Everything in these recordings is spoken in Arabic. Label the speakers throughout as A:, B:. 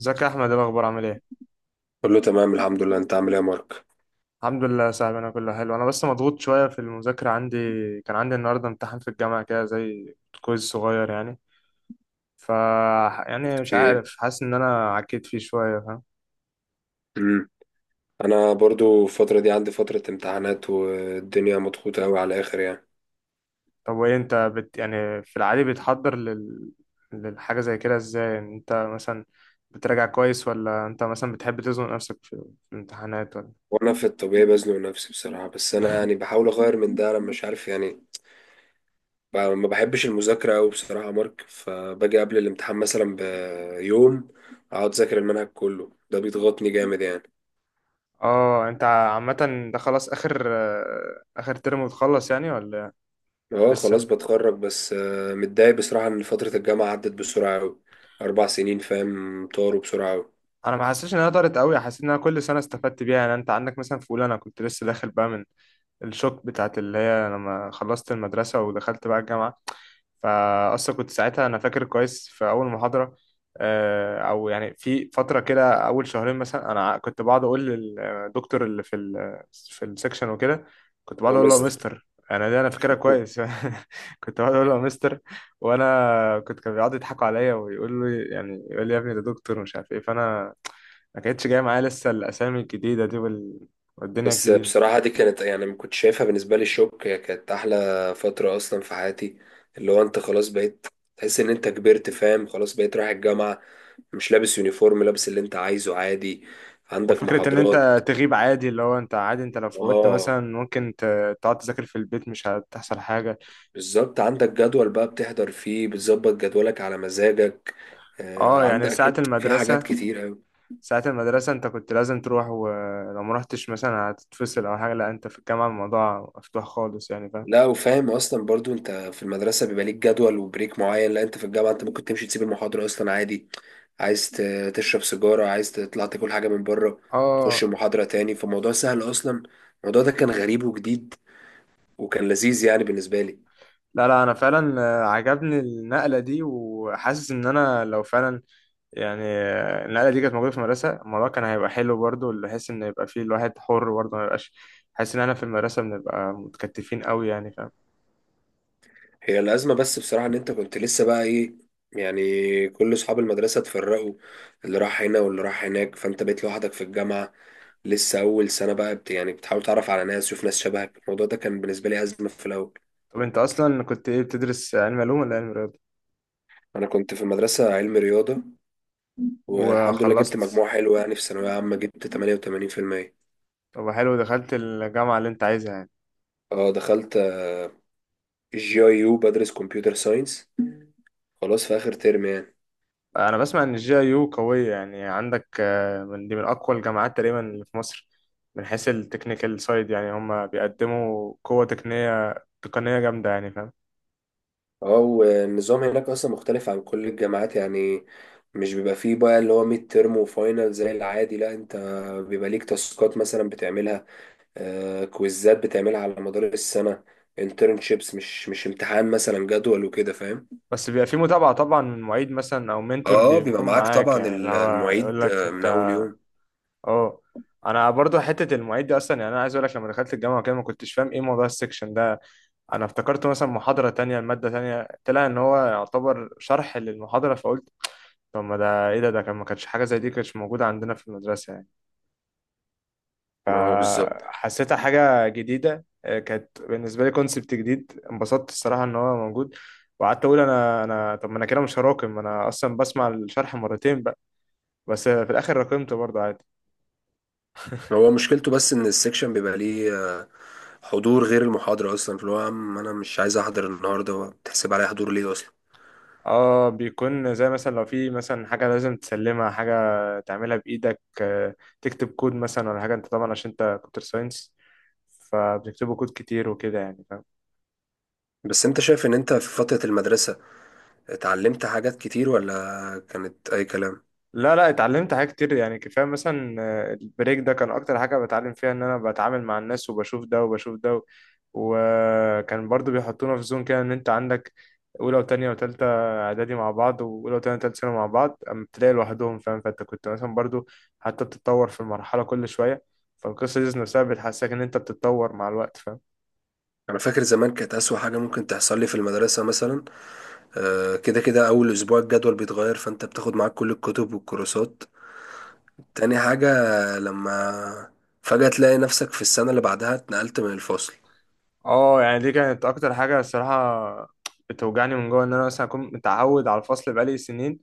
A: ازيك يا احمد؟ ايه الاخبار، عامل ايه؟
B: كله تمام، الحمد لله. انت عامل ايه يا مارك؟
A: الحمد لله يا صاحبي، انا كله حلو. انا بس مضغوط شويه في المذاكره. عندي كان عندي النهارده امتحان في الجامعه، كده زي كويز صغير يعني. ف يعني مش
B: في ايه؟
A: عارف، حاسس ان انا عكيت فيه شويه، فاهم؟
B: امم انا برضو الفتره دي عندي فتره امتحانات، والدنيا مضغوطه قوي على الاخر يعني.
A: طب وايه انت يعني في العادي بتحضر للحاجه زي كده ازاي؟ يعني انت مثلا بتراجع كويس، ولا انت مثلا بتحب تزنق نفسك في في الامتحانات، ولا؟
B: وانا في الطبيعي بزنق نفسي بصراحه، بس انا يعني بحاول اغير من ده، لما مش عارف يعني. ما بحبش المذاكره قوي بصراحه يا مارك، فباجي قبل الامتحان مثلا بيوم، اقعد اذاكر المنهج كله، ده بيضغطني جامد يعني.
A: اه، انت عامه ده خلاص اخر ترم وتخلص يعني ولا؟
B: اه خلاص
A: لسه.
B: بتخرج، بس متضايق بصراحه ان فتره الجامعه عدت بسرعه قوي. 4 سنين فاهم، طاروا بسرعه قوي.
A: انا ما حسيتش ان هي ضرت قوي، حسيت ان انا كل سنه استفدت بيها. يعني انت عندك مثلا في اولى، انا كنت لسه داخل بقى من الشوك بتاعت اللي هي لما خلصت المدرسة ودخلت بقى الجامعة. فأصلا كنت ساعتها أنا فاكر كويس في أول محاضرة، أو يعني في فترة كده أول شهرين مثلا، أنا كنت بقعد أقول للدكتور اللي في في السكشن وكده، كنت بقعد
B: يا
A: أقول له يا
B: مستر.
A: مستر، أنا دي أنا فاكرها كويس. كنت بقعد أقول له يا مستر، وأنا كنت كانوا بيقعدوا يضحكوا عليا ويقول لي، يعني يقول لي يا ابني، ده دكتور ومش عارف إيه. فأنا ما كانتش جايه معايا لسه الاسامي الجديده دي والدنيا
B: بس
A: الجديده.
B: بصراحة دي كانت يعني ما كنت شايفها بالنسبة لي شوك، هي كانت أحلى فترة أصلا في حياتي. اللي هو أنت خلاص بقيت تحس إن أنت كبرت، فاهم، خلاص بقيت رايح الجامعة، مش لابس يونيفورم، لابس اللي أنت عايزه عادي، عندك
A: وفكرة إن
B: محاضرات.
A: أنت تغيب عادي، اللي هو أنت عادي أنت لو فوتت
B: آه،
A: مثلا ممكن تقعد تذاكر في البيت، مش هتحصل حاجة.
B: بالظبط، عندك جدول بقى بتحضر فيه، بتظبط جدولك على مزاجك. آه،
A: أه. يعني
B: عندك
A: ساعة
B: أكيد في حاجات
A: المدرسة،
B: كتير أوي.
A: ساعة المدرسة أنت كنت لازم تروح، ولو مرحتش مثلا هتتفصل أو حاجة. لأ، أنت في الجامعة الموضوع مفتوح خالص يعني، فاهم؟
B: لا، وفاهم اصلا برضو انت في المدرسه بيبقى ليك جدول وبريك معين، لا انت في الجامعه انت ممكن تمشي تسيب المحاضره اصلا عادي. عايز تشرب سيجاره، عايز تطلع تاكل حاجه من بره، تخش
A: أه.
B: المحاضره تاني، فالموضوع سهل اصلا. الموضوع ده كان غريب وجديد، وكان لذيذ يعني بالنسبه لي.
A: لا لا، أنا فعلا عجبني النقلة دي، وحاسس إن أنا لو فعلا يعني النقلة دي كانت موجودة في المدرسة، الموضوع كان هيبقى حلو برضه، اللي حس إن يبقى فيه الواحد حر برضه، ما يبقاش حاسس إن أنا في المدرسة بنبقى متكتفين أوي يعني، فاهم؟
B: هي الازمه بس بصراحه ان انت كنت لسه بقى ايه، يعني كل اصحاب المدرسه اتفرقوا، اللي راح هنا واللي راح هناك، فانت بقيت لوحدك في الجامعه، لسه اول سنه بقى يعني بتحاول تعرف على ناس وشوف ناس شبهك. الموضوع ده كان بالنسبه لي ازمه في الاول.
A: طب انت اصلا كنت ايه، بتدرس علم علوم ولا علم رياضه؟
B: انا كنت في مدرسة علم رياضة، والحمد لله جبت
A: وخلصت؟
B: مجموع حلو يعني، في ثانوية عامة جبت 88%.
A: طب حلو، دخلت الجامعه اللي انت عايزها يعني.
B: اه دخلت جي اي يو بدرس كمبيوتر ساينس، خلاص في اخر ترم يعني.
A: انا بسمع ان الجي اي يو قويه، يعني عندك من دي من اقوى الجامعات تقريبا اللي في مصر، من حيث التكنيكال سايد، يعني هم بيقدموا قوه تقنيه، تقنيه جامده يعني، فاهم؟
B: اه، والنظام هناك اصلا مختلف عن كل الجامعات يعني، مش بيبقى فيه بقى اللي هو ميد ترم وفاينل زي العادي، لا انت بيبقى ليك تاسكات مثلا بتعملها، آه، كويزات بتعملها على مدار السنة، انترنشيبس، مش امتحان مثلا جدول وكده فاهم.
A: بس بيبقى في متابعه طبعا من معيد مثلا او منتور
B: اه بيبقى
A: بيكون
B: معاك
A: معاك،
B: طبعا
A: يعني اللي هو يقول
B: المعيد
A: لك انت.
B: من اول يوم.
A: اه. انا برضو حته المعيد دي اصلا، يعني انا عايز اقول لك لما دخلت الجامعه كده ما كنتش فاهم ايه موضوع السكشن ده. انا افتكرت مثلا محاضره تانية، الماده تانية، طلع ان هو يعتبر شرح للمحاضره. فقلت طب ما ده ايه، ده كان ما كانش حاجه زي دي كانتش موجوده عندنا في المدرسه يعني.
B: ما هو بالظبط.
A: حسيتها حاجه جديده، كانت بالنسبه لي كونسبت جديد. انبسطت الصراحه ان هو موجود، وقعدت اقول انا، طب ما انا كده مش هراكم، انا اصلا بسمع الشرح مرتين بقى. بس في الاخر راكمته برضه عادي.
B: هو مشكلته بس ان السكشن بيبقى ليه حضور غير المحاضرة اصلا، فاللي هو يا عم انا مش عايز احضر النهاردة، بتحسب عليا حضور ليه اصلا؟
A: اه، بيكون زي مثلا لو في مثلا حاجة لازم تسلمها، حاجة تعملها بإيدك، تكتب كود مثلا ولا حاجة. انت طبعا عشان انت كمبيوتر ساينس، فبتكتبوا كود كتير وكده يعني، فاهم؟
B: بس انت شايف ان انت في فترة المدرسة اتعلمت حاجات كتير ولا كانت اي كلام؟
A: لا لا، اتعلمت حاجات كتير يعني. كفايه مثلا البريك ده كان اكتر حاجه بتعلم فيها ان انا بتعامل مع الناس، وبشوف ده وبشوف ده وكان برضو بيحطونا في زون كده، ان انت عندك اولى وتانية وتالتة اعدادي مع بعض، واولى وتانية وتالتة ثانوي مع بعض، اما بتلاقي لوحدهم، فاهم؟ فانت كنت مثلا برضو حتى بتتطور في المرحله كل شويه، فالقصه دي نفسها بتحسسك ان انت بتتطور مع الوقت، فاهم؟
B: انا فاكر زمان كانت اسوأ حاجة ممكن تحصل لي في المدرسة مثلا، كده كده اول اسبوع الجدول بيتغير، فانت بتاخد معاك كل الكتب والكورسات. تاني حاجة، لما فجأة تلاقي نفسك في السنة اللي بعدها اتنقلت من الفصل،
A: اه، يعني دي كانت اكتر حاجه الصراحه بتوجعني من جوه، ان انا مثلا اكون متعود على الفصل بقالي سنين،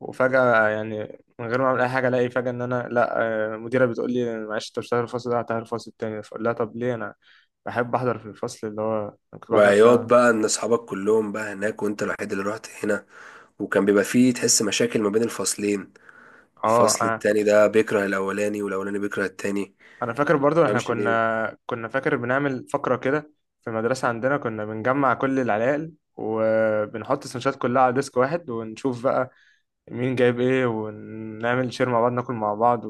A: وفجأة يعني من غير ما أعمل أي حاجة ألاقي فجأة إن أنا لأ، مديرة بتقول لي معلش أنت مش هتحضر الفصل ده، هتحضر الفصل التاني. فأقول لها طب ليه؟ أنا بحب أحضر في الفصل اللي هو أنا كنت بحضر فيه
B: وعياط
A: على...
B: بقى ان اصحابك كلهم بقى هناك وانت الوحيد اللي رحت هنا، وكان بيبقى فيه تحس مشاكل ما بين الفصلين،
A: أه.
B: الفصل
A: أنا
B: التاني ده بيكره الاولاني والاولاني بيكره التاني،
A: أنا فاكر برضو إحنا
B: مفهمش ليه.
A: كنا فاكر بنعمل فقرة كده في المدرسة عندنا. كنا بنجمع كل العلائق، وبنحط السندوتشات كلها على ديسك واحد، ونشوف بقى مين جايب إيه، ونعمل شير مع بعض، ناكل مع بعض.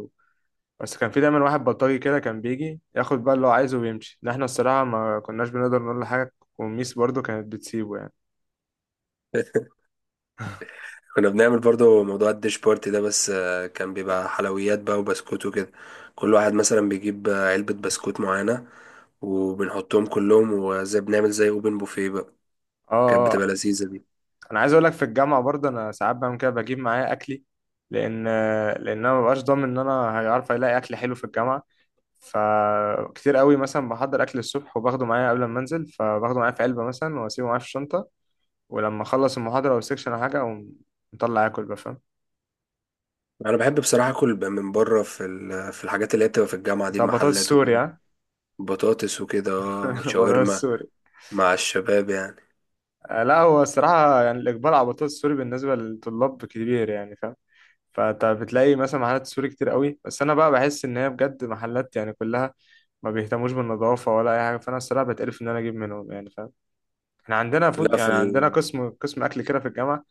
A: بس كان في دايما واحد بلطجي كده، كان بيجي ياخد بقى اللي هو عايزه ويمشي، ده احنا الصراحة ما كناش بنقدر نقول له حاجة، والميس برضو كانت بتسيبه يعني.
B: كنا بنعمل برضو موضوع الديش بارتي ده، بس كان بيبقى حلويات بقى وبسكوت وكده، كل واحد مثلا بيجيب علبة بسكوت معينة، وبنحطهم كلهم وزي بنعمل زي اوبن بوفيه بقى.
A: اه.
B: كانت
A: آه.
B: بتبقى
A: آه.
B: لذيذة دي.
A: انا عايز اقول لك في الجامعة برضو انا ساعات بعمل كده، بجيب معايا اكلي، لان لان انا مبقاش ضامن ان انا هيعرف الاقي اكل حلو في الجامعة. فكتير قوي مثلا بحضر اكل الصبح وباخده معايا قبل ما انزل، فباخده معايا في علبة مثلا واسيبه معايا في الشنطة. ولما اخلص المحاضرة او السكشن او حاجة، اقوم مطلع اكل بقى، فاهم؟
B: انا بحب بصراحة اكل من بره في في الحاجات اللي هي بتبقى في الجامعة دي،
A: انت بطاطس
B: المحلات
A: سوري،
B: وكده،
A: ها؟
B: بطاطس وكده، اه
A: بطاطس.
B: شاورما، مع الشباب يعني.
A: لا هو الصراحة يعني الإقبال على البطاطس السوري بالنسبة للطلاب كبير يعني، فاهم؟ فأنت بتلاقي مثلا محلات سوري كتير قوي، بس أنا بقى بحس إن هي بجد محلات يعني كلها ما بيهتموش بالنظافة ولا أي حاجة، فأنا الصراحة بتقرف إن أنا أجيب منهم يعني، فاهم؟ إحنا عندنا فود،
B: لا،
A: يعني عندنا قسم، قسم أكل كده في الجامعة.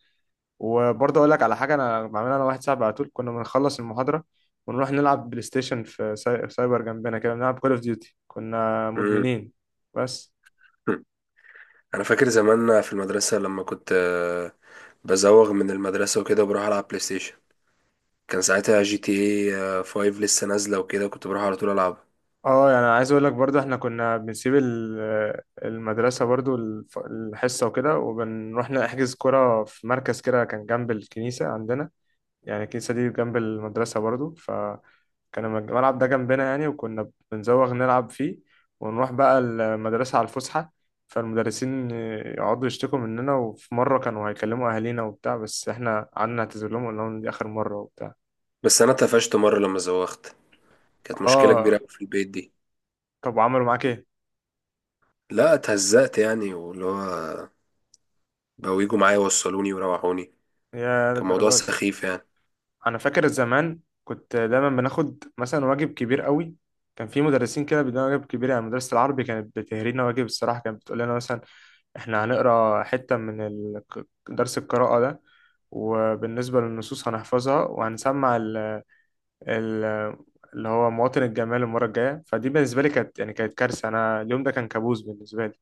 A: وبرضه أقول لك على حاجة أنا بعملها، أنا واحد صاحبي على طول كنا بنخلص المحاضرة ونروح نلعب بلاي ستيشن في سايبر جنبنا كده، بنلعب كول أوف ديوتي، كنا
B: مم.
A: مدمنين بس.
B: انا فاكر زمان في المدرسة لما كنت بزوغ من المدرسة وكده، وبروح العب بلاي ستيشن. كان ساعتها جي تي اي 5 لسه نازلة وكده، كنت بروح على طول العبها.
A: اه، يعني عايز اقول لك برضو احنا كنا بنسيب المدرسة برضو الحصة وكده، وبنروح نحجز كرة في مركز كده كان جنب الكنيسة عندنا، يعني الكنيسة دي جنب المدرسة برضو، فكان الملعب ده جنبنا يعني، وكنا بنزوغ نلعب فيه، ونروح بقى المدرسة على الفسحة. فالمدرسين يقعدوا يشتكوا مننا، وفي مرة كانوا هيكلموا أهالينا وبتاع، بس احنا قعدنا نعتذر لهم وقلنا لهم دي آخر مرة وبتاع.
B: بس انا اتقفشت مرة لما زوغت، كانت مشكلة كبيرة
A: اه.
B: أوي في البيت دي.
A: طب وعملوا معاك ايه؟
B: لا اتهزقت يعني، واللي هو بقوا يجوا معايا يوصلوني ويروحوني،
A: يا
B: كان موضوع
A: للدرجة!
B: سخيف يعني.
A: انا فاكر زمان كنت دايما بناخد مثلا واجب كبير قوي، كان في مدرسين كده بيدونا واجب كبير يعني. مدرسة العربي كانت بتهرينا واجب الصراحة، كانت بتقول لنا مثلا احنا هنقرا حتة من درس القراءة ده، وبالنسبة للنصوص هنحفظها، وهنسمع ال ال اللي هو مواطن الجمال المرة الجاية. فدي بالنسبة لي كانت يعني كانت كارثة، أنا اليوم ده كان كابوس بالنسبة لي.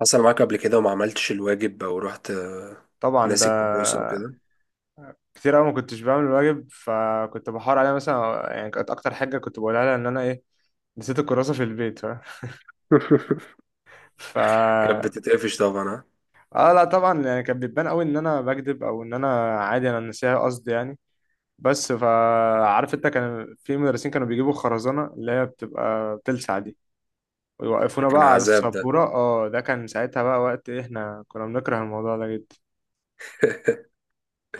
B: حصل معاك قبل كده وما عملتش الواجب او رحت
A: طبعا ده
B: ناسي الكراسة وكده؟
A: كتير أوي ما كنتش بعمل الواجب، فكنت بحاول عليها مثلا يعني، كانت أكتر حاجة كنت بقولها لها إن أنا إيه، نسيت الكراسة في البيت، فاهم؟ ف
B: كانت بتتقفش طبعا، ها؟
A: اه لا طبعا يعني كانت بتبان قوي ان انا بكذب، او ان انا عادي انا نسيها قصدي يعني. بس فعارف انت كان في مدرسين كانوا بيجيبوا خرزانة اللي هي بتبقى بتلسع دي،
B: ده
A: ويوقفونا
B: كان
A: بقى على
B: عذاب ده.
A: السبورة. اه، ده كان ساعتها بقى وقت إيه، احنا كنا بنكره الموضوع ده جدا.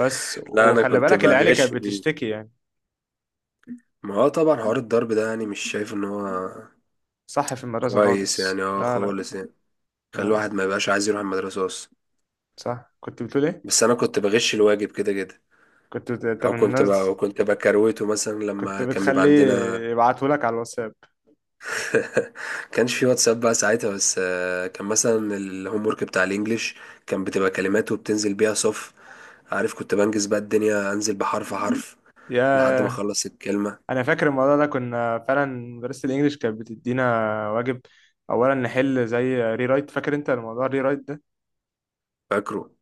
A: بس
B: لا انا
A: وخلي
B: كنت
A: بالك العيال كانت
B: بغش بيه.
A: بتشتكي يعني.
B: ما هو طبعا حوار الضرب ده يعني مش شايف ان هو
A: صح، في المدرسة
B: كويس
A: خالص
B: يعني، اه
A: لا لا.
B: خالص يعني، خلي
A: لا.
B: الواحد ما يبقاش عايز يروح المدرسه اصلا.
A: صح، كنت بتقول ايه؟
B: بس انا كنت بغش الواجب كده كده،
A: كنت انت
B: او
A: من الناس
B: كنت بكروته مثلا
A: كنت
B: لما كان بيبقى
A: بتخليه
B: عندنا.
A: يبعتهولك على الواتساب؟
B: كانش في واتساب بقى ساعتها، بس كان مثلا الهوم ورك بتاع الانجليش، كان بتبقى كلمات وبتنزل بيها صف، عارف، كنت بنجز بقى الدنيا انزل بحرف حرف لحد ما
A: ياه.
B: اخلص الكلمه.
A: انا فاكر الموضوع ده، كنا فعلا مدرسة الانجليش كانت بتدينا واجب، اولا نحل زي ري رايت. فاكر انت الموضوع الري رايت ده؟
B: فاكره.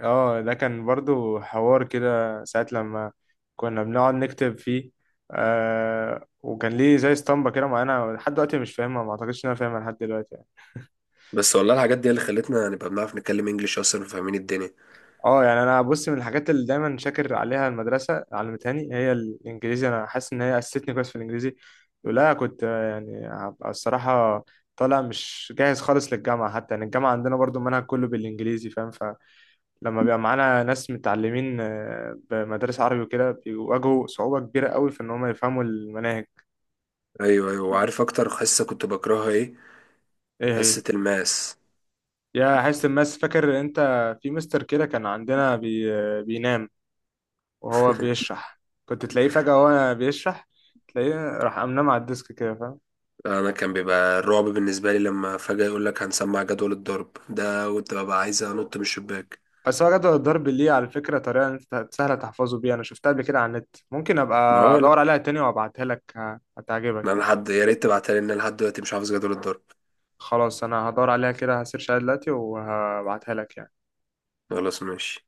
A: اه، ده كان برضو حوار كده ساعة لما كنا بنقعد نكتب فيه، آه، وكان ليه زي اسطمبة كده معانا لحد دلوقتي مش فاهمها، ما اعتقدش ان انا فاهمها لحد دلوقتي يعني.
B: بس والله الحاجات دي اللي خلتنا نبقى بنعرف نتكلم انجليش اصلا وفاهمين الدنيا.
A: اه يعني انا بص، من الحاجات اللي دايما شاكر عليها المدرسه علمتهاني هي الانجليزي، انا حاسس ان هي اسستني كويس في الانجليزي. لولا كنت يعني هبقى الصراحه طالع مش جاهز خالص للجامعه حتى، يعني الجامعه عندنا برضو المنهج كله بالانجليزي، فاهم؟ فلما بيبقى معانا ناس متعلمين بمدارس عربي وكده، بيواجهوا صعوبه كبيره قوي في ان هم يفهموا المناهج.
B: ايوه، ايوه، وعارف اكتر حصه كنت بكرهها ايه؟
A: ايه هي؟
B: حصه الماس.
A: يا حس الماس. فاكر انت في مستر كده كان عندنا بي... آه، بينام وهو بيشرح، كنت تلاقيه فجأة وهو بيشرح تلاقيه راح قام نام على الديسك كده، فاهم؟
B: انا كان بيبقى الرعب بالنسبه لي لما فجاه يقول لك هنسمع جدول الضرب، ده كنت ببقى عايز انط من الشباك.
A: بس هو جدول الضرب ليه على فكرة طريقة إن أنت سهلة تحفظه بيها، أنا شفتها قبل كده على النت، ممكن
B: ما
A: أبقى
B: هو لا.
A: أدور عليها تاني وأبعتها لك،
B: ما
A: هتعجبك
B: انا
A: يعني.
B: لحد، يا ريت تبعتها لي، ان أنا لحد دلوقتي مش حافظ جدول الضرب.
A: خلاص، أنا هدور عليها كده، هسيرش عليها دلوقتي وهبعتها لك يعني.
B: خلاص، ماشي.